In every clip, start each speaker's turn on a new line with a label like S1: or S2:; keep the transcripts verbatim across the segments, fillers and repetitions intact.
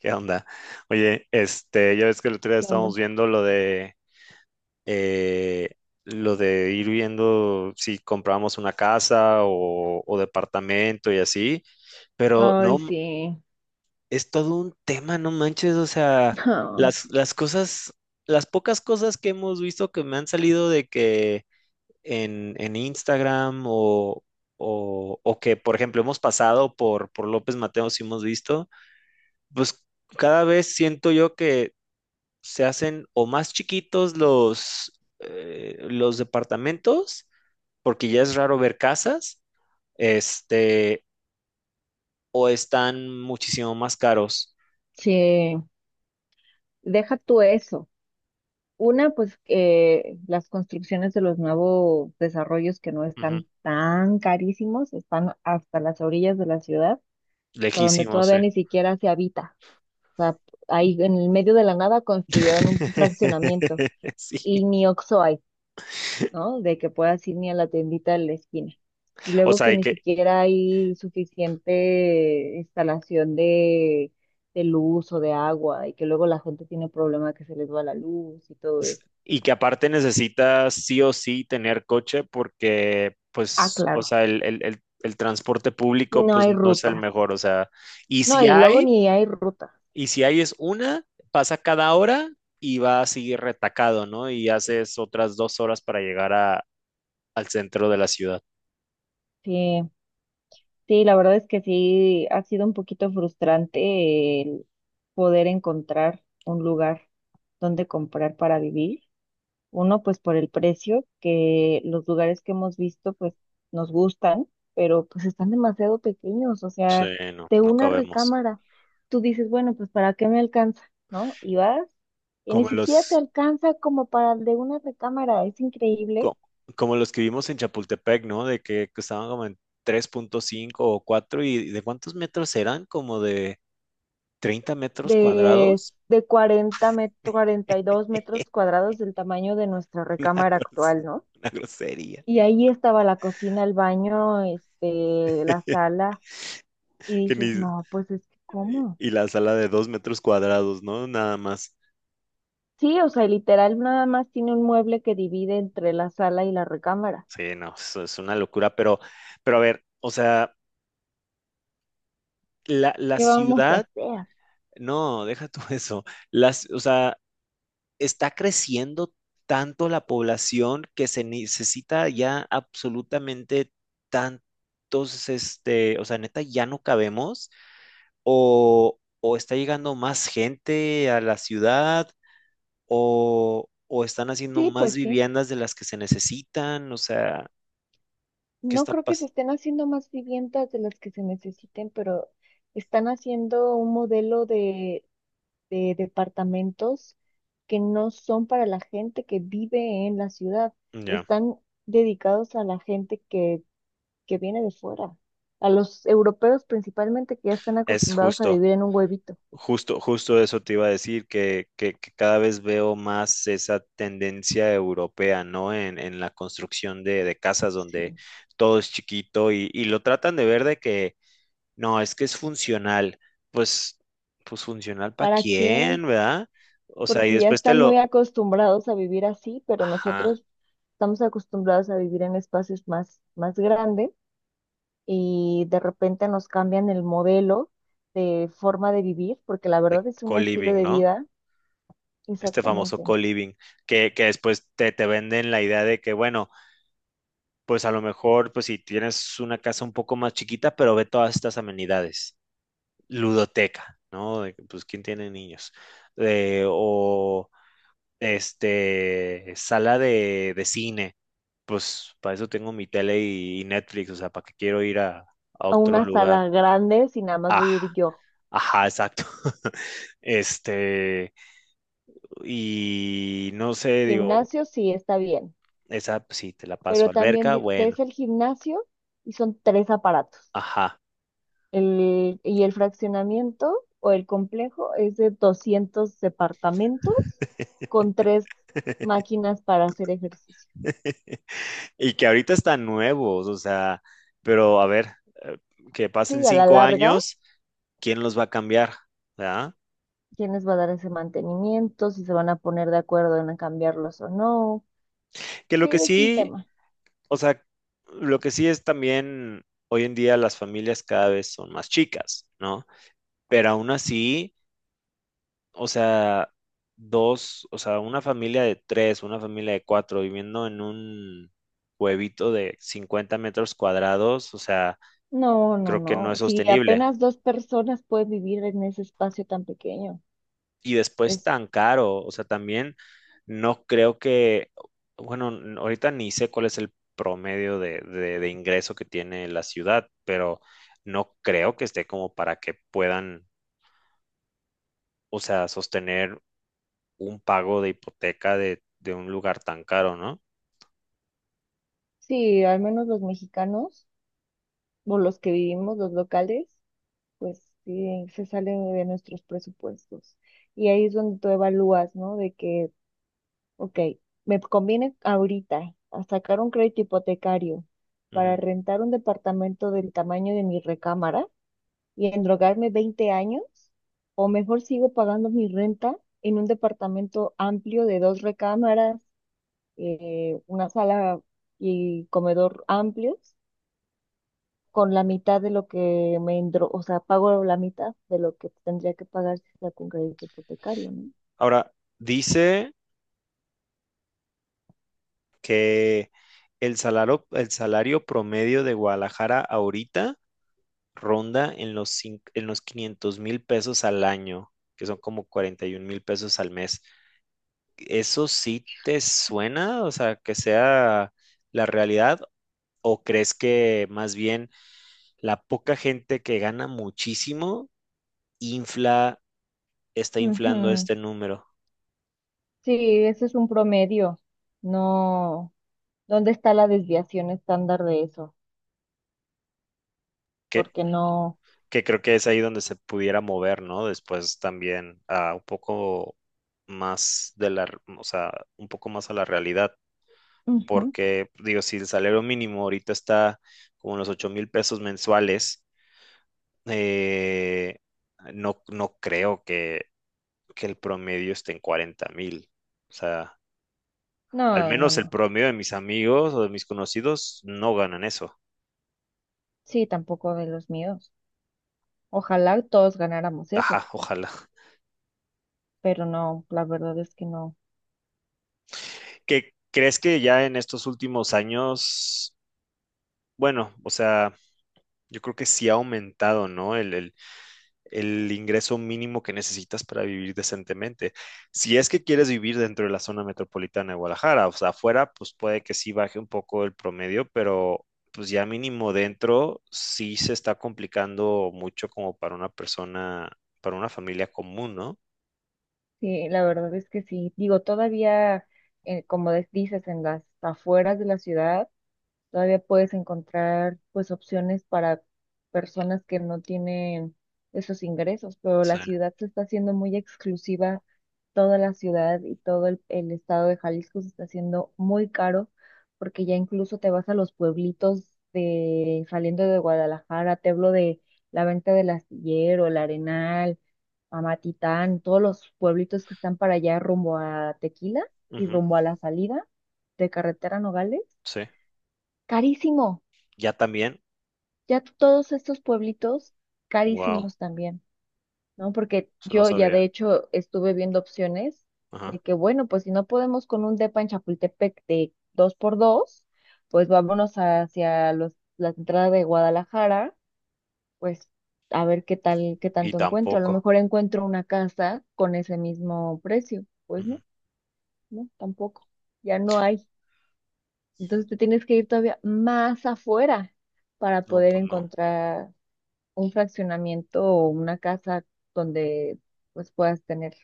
S1: ¿Qué onda? Oye, este, ya ves que el otro día
S2: ¿Qué
S1: estábamos
S2: onda?
S1: viendo lo de eh, lo de ir viendo si compramos una casa o, o departamento y así, pero no,
S2: Ay,
S1: m-
S2: sí.
S1: es todo un tema, no manches, o sea,
S2: Ay,
S1: las, las cosas, las pocas cosas que hemos visto que me han salido de que en, en Instagram o, o, o que, por ejemplo, hemos pasado por, por López Mateos y hemos visto, pues cada vez siento yo que se hacen o más chiquitos los, eh, los departamentos, porque ya es raro ver casas, este, o están muchísimo más caros.
S2: sí. Deja tú eso. Una, pues que las construcciones de los nuevos desarrollos que no
S1: Ujú,
S2: están tan carísimos, están hasta las orillas de la ciudad, a donde
S1: lejísimos,
S2: todavía
S1: eh.
S2: ni siquiera se habita. O sea, ahí en el medio de la nada construyeron un fraccionamiento
S1: Sí.
S2: y ni Oxo hay. ¿No? De que puedas ir ni a la tiendita de la esquina. Y
S1: O
S2: luego
S1: sea,
S2: que
S1: y
S2: ni
S1: que,
S2: siquiera hay suficiente instalación de, de luz o de agua y que luego la gente tiene problema que se les va la luz y todo eso.
S1: y que aparte necesitas sí o sí tener coche porque,
S2: Ah,
S1: pues, o
S2: claro,
S1: sea, el, el- el- el transporte público,
S2: no
S1: pues,
S2: hay
S1: no es el
S2: rutas.
S1: mejor. O sea, y
S2: No,
S1: si
S2: y luego
S1: hay,
S2: ni hay rutas.
S1: y si ahí es una, pasa cada hora y va así retacado, ¿no? Y haces otras dos horas para llegar a, al centro de la ciudad.
S2: Sí, sí, la verdad es que sí ha sido un poquito frustrante el poder encontrar un lugar donde comprar para vivir. Uno, pues por el precio, que los lugares que hemos visto, pues nos gustan, pero pues están demasiado pequeños, o
S1: Sí,
S2: sea,
S1: no,
S2: de
S1: no
S2: una
S1: cabemos.
S2: recámara, tú dices, bueno, pues ¿para qué me alcanza? ¿No? Y vas, y ni
S1: Como
S2: siquiera te
S1: los,
S2: alcanza como para el de una recámara, es increíble,
S1: co- como, los que vimos en Chapultepec, ¿no? De que estaban como en tres punto cinco o cuatro y ¿de cuántos metros eran? Como de treinta metros
S2: de,
S1: cuadrados.
S2: de cuarenta met- cuarenta y dos metros cuadrados del tamaño de nuestra
S1: Una,
S2: recámara
S1: gros-
S2: actual, ¿no?
S1: una grosería.
S2: Y ahí estaba la cocina, el baño, este, la sala, y
S1: Que
S2: dices,
S1: ni-
S2: no, pues es que, ¿cómo?
S1: Y la sala de dos metros cuadrados, ¿no? Nada más.
S2: Sí, o sea, literal nada más tiene un mueble que divide entre la sala y la recámara.
S1: Sí, no, eso es una locura, pero, pero a ver, o sea, la, la
S2: ¿Qué vamos a
S1: ciudad,
S2: hacer?
S1: no, deja tú eso, las, o sea, está creciendo tanto la población que se necesita ya absolutamente tantos, este, o sea, neta, ya no cabemos, o, o está llegando más gente a la ciudad, o, o están haciendo
S2: Sí,
S1: más
S2: pues sí.
S1: viviendas de las que se necesitan, o sea, ¿qué
S2: No
S1: está
S2: creo que se
S1: pasando?
S2: estén haciendo más viviendas de las que se necesiten, pero están haciendo un modelo de, de departamentos que no son para la gente que vive en la ciudad.
S1: Ya,
S2: Están dedicados a la gente que, que viene de fuera, a los europeos principalmente que ya están
S1: es
S2: acostumbrados a
S1: justo.
S2: vivir en un huevito.
S1: Justo, justo eso te iba a decir, que, que- que cada vez veo más esa tendencia europea, ¿no? En, en la construcción de, de casas donde
S2: Sí.
S1: todo es chiquito y, y lo tratan de ver de que, no, es que es funcional. Pues, pues funcional para
S2: ¿Para quién?
S1: quién, ¿verdad? O sea, y
S2: Porque ya
S1: después te
S2: están muy
S1: lo,
S2: acostumbrados a vivir así, pero
S1: ajá,
S2: nosotros estamos acostumbrados a vivir en espacios más, más grandes y de repente nos cambian el modelo de forma de vivir, porque la
S1: de
S2: verdad es un estilo
S1: co-living,
S2: de
S1: ¿no?
S2: vida,
S1: Este famoso
S2: exactamente,
S1: co-living, que, que después te, te venden la idea de que, bueno, pues a lo mejor, pues si tienes una casa un poco más chiquita, pero ve todas estas amenidades. Ludoteca, ¿no? De, pues, ¿quién tiene niños? Eh, o este, sala de, de cine, pues para eso tengo mi tele y, y Netflix, o sea, para qué quiero ir a, a
S2: a
S1: otro
S2: una
S1: lugar.
S2: sala grande si nada más
S1: Ah,
S2: voy a ir yo.
S1: ajá, exacto. Este, y no sé, digo,
S2: Gimnasio sí está bien,
S1: esa pues, sí, te la paso.
S2: pero también
S1: Alberca,
S2: di-
S1: bueno,
S2: ves el gimnasio y son tres aparatos.
S1: ajá.
S2: El, y el fraccionamiento o el complejo es de doscientos departamentos con tres máquinas para hacer ejercicio.
S1: Y que ahorita están nuevos, o sea, pero a ver, eh, que
S2: Sí,
S1: pasen
S2: a la
S1: cinco
S2: larga,
S1: años, ¿quién los va a cambiar? ¿Verdad?
S2: quiénes va a dar ese mantenimiento, si se van a poner de acuerdo en cambiarlos o no.
S1: Que lo que
S2: Sí, es un
S1: sí,
S2: tema.
S1: o sea, lo que sí es también, hoy en día las familias cada vez son más chicas, ¿no? Pero aún así, o sea, dos, o sea, una familia de tres, una familia de cuatro viviendo en un huevito de cincuenta metros cuadrados, o sea,
S2: No, no,
S1: creo que no es
S2: no. Si
S1: sostenible.
S2: apenas dos personas pueden vivir en ese espacio tan pequeño.
S1: Y después
S2: Es,
S1: tan caro, o sea, también no creo que, bueno, n- ahorita ni sé cuál es el promedio de, de- de ingreso que tiene la ciudad, pero no creo que esté como para que puedan, o sea, sostener un pago de hipoteca de, de un lugar tan caro, ¿no?
S2: sí, al menos los mexicanos o los que vivimos, los locales. Pues sí, se sale de nuestros presupuestos. Y ahí es donde tú evalúas, ¿no? De que, ok, me conviene ahorita a sacar un crédito hipotecario para
S1: Ujú.
S2: rentar un departamento del tamaño de mi recámara y endrogarme veinte años, o mejor sigo pagando mi renta en un departamento amplio de dos recámaras, eh, una sala y comedor amplios con la mitad de lo que me entró, o sea, pago la mitad de lo que tendría que pagar si está con crédito hipotecario, ¿no?
S1: Ahora, dice que el salario, el salario promedio de Guadalajara ahorita ronda en los, cin- en los quinientos mil pesos al año, que son como cuarenta y un mil pesos al mes. ¿Eso sí te suena? O sea, que sea la realidad, o crees que más bien la poca gente que gana muchísimo infla, está inflando
S2: Ujú.
S1: este número?
S2: Sí, ese es un promedio. No, ¿dónde está la desviación estándar de eso?
S1: Que,
S2: Porque no,
S1: que creo que es ahí donde se pudiera mover, ¿no? Después también a un poco más de la, o sea, un poco más a la realidad.
S2: ujú.
S1: Porque digo, si el salario mínimo ahorita está como en los ocho mil pesos mensuales, eh, no, no creo que, que el promedio esté en cuarenta mil. O sea, al
S2: No, no,
S1: menos el
S2: no.
S1: promedio de mis amigos o de mis conocidos no ganan eso.
S2: Sí, tampoco de los míos. Ojalá todos ganáramos eso,
S1: Ajá, ojalá.
S2: pero no, la verdad es que no.
S1: ¿Qué crees que ya en estos últimos años, bueno, o sea, yo creo que sí ha aumentado, ¿no? El, el el ingreso mínimo que necesitas para vivir decentemente. Si es que quieres vivir dentro de la zona metropolitana de Guadalajara, o sea, afuera, pues puede que sí baje un poco el promedio, pero pues ya mínimo dentro sí se está complicando mucho como para una persona, para una familia común, ¿no?
S2: Sí, la verdad es que sí. Digo, todavía, eh, como des- dices, en las afueras de la ciudad todavía puedes encontrar pues opciones para personas que no tienen esos ingresos, pero
S1: Sí.
S2: la ciudad se está haciendo muy exclusiva, toda la ciudad y todo el, el estado de Jalisco se está haciendo muy caro, porque ya incluso te vas a los pueblitos de saliendo de Guadalajara, te hablo de la venta del astillero, el Arenal, Amatitán, todos los pueblitos que están para allá rumbo a Tequila y
S1: Ujú,
S2: rumbo a la salida de carretera Nogales.
S1: sí.
S2: Carísimo,
S1: Ya también,
S2: ya todos estos pueblitos
S1: wow,
S2: carísimos también, ¿no? Porque
S1: eso no
S2: yo ya
S1: sabía.
S2: de hecho estuve viendo opciones de
S1: Ajá.
S2: que, bueno, pues si no podemos con un depa en Chapultepec de dos por dos, pues vámonos hacia los, la entrada de Guadalajara, pues a ver qué tal, qué
S1: Y
S2: tanto encuentro. A lo
S1: tampoco.
S2: mejor encuentro una casa con ese mismo precio. Pues
S1: Ujú.
S2: no, no, tampoco. Ya no hay. Entonces te tienes que ir todavía más afuera para
S1: No,
S2: poder
S1: pues no.
S2: encontrar un fraccionamiento o una casa donde pues puedas tener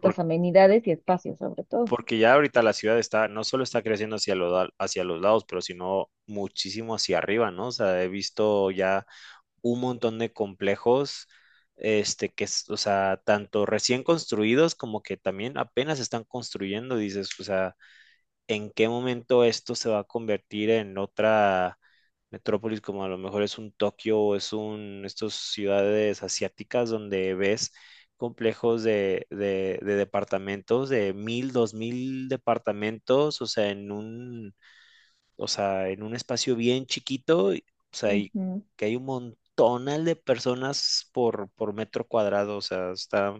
S1: Por-
S2: amenidades y espacios sobre todo.
S1: porque ya ahorita la ciudad está, no solo está creciendo hacia los, la- hacia los lados, pero sino muchísimo hacia arriba, ¿no? O sea, he visto ya un montón de complejos, este, que, es- o sea, tanto recién construidos como que también apenas están construyendo, dices, o sea, en qué momento esto se va a convertir en otra metrópolis, como a lo mejor es un Tokio o es un, estas ciudades asiáticas donde ves complejos de, de, de departamentos, de mil, dos mil departamentos, o sea, en un, o sea, en un espacio bien chiquito, y- o sea, y
S2: Ujú.
S1: que hay un montón de personas por, por metro cuadrado, o sea, está.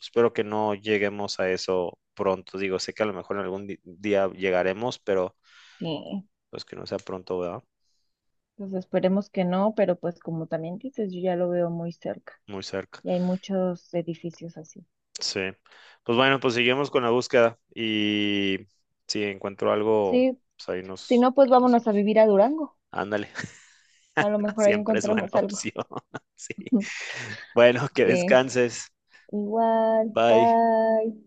S1: Espero que no lleguemos a eso pronto. Digo, sé que a lo mejor en algún di- día llegaremos, pero
S2: Sí,
S1: pues que no sea pronto, ¿verdad?
S2: pues esperemos que no, pero pues como también dices, yo ya lo veo muy cerca
S1: Muy cerca.
S2: y hay muchos edificios así.
S1: Sí. Pues bueno, pues seguimos con la búsqueda y si encuentro algo,
S2: Sí,
S1: pues ahí
S2: si
S1: nos
S2: no, pues
S1: nos
S2: vámonos a
S1: vemos.
S2: vivir a Durango.
S1: Ándale,
S2: A lo mejor ahí
S1: siempre es buena
S2: encontramos algo.
S1: opción. Sí. Bueno, que
S2: Sí,
S1: descanses.
S2: igual,
S1: Bye.
S2: bye.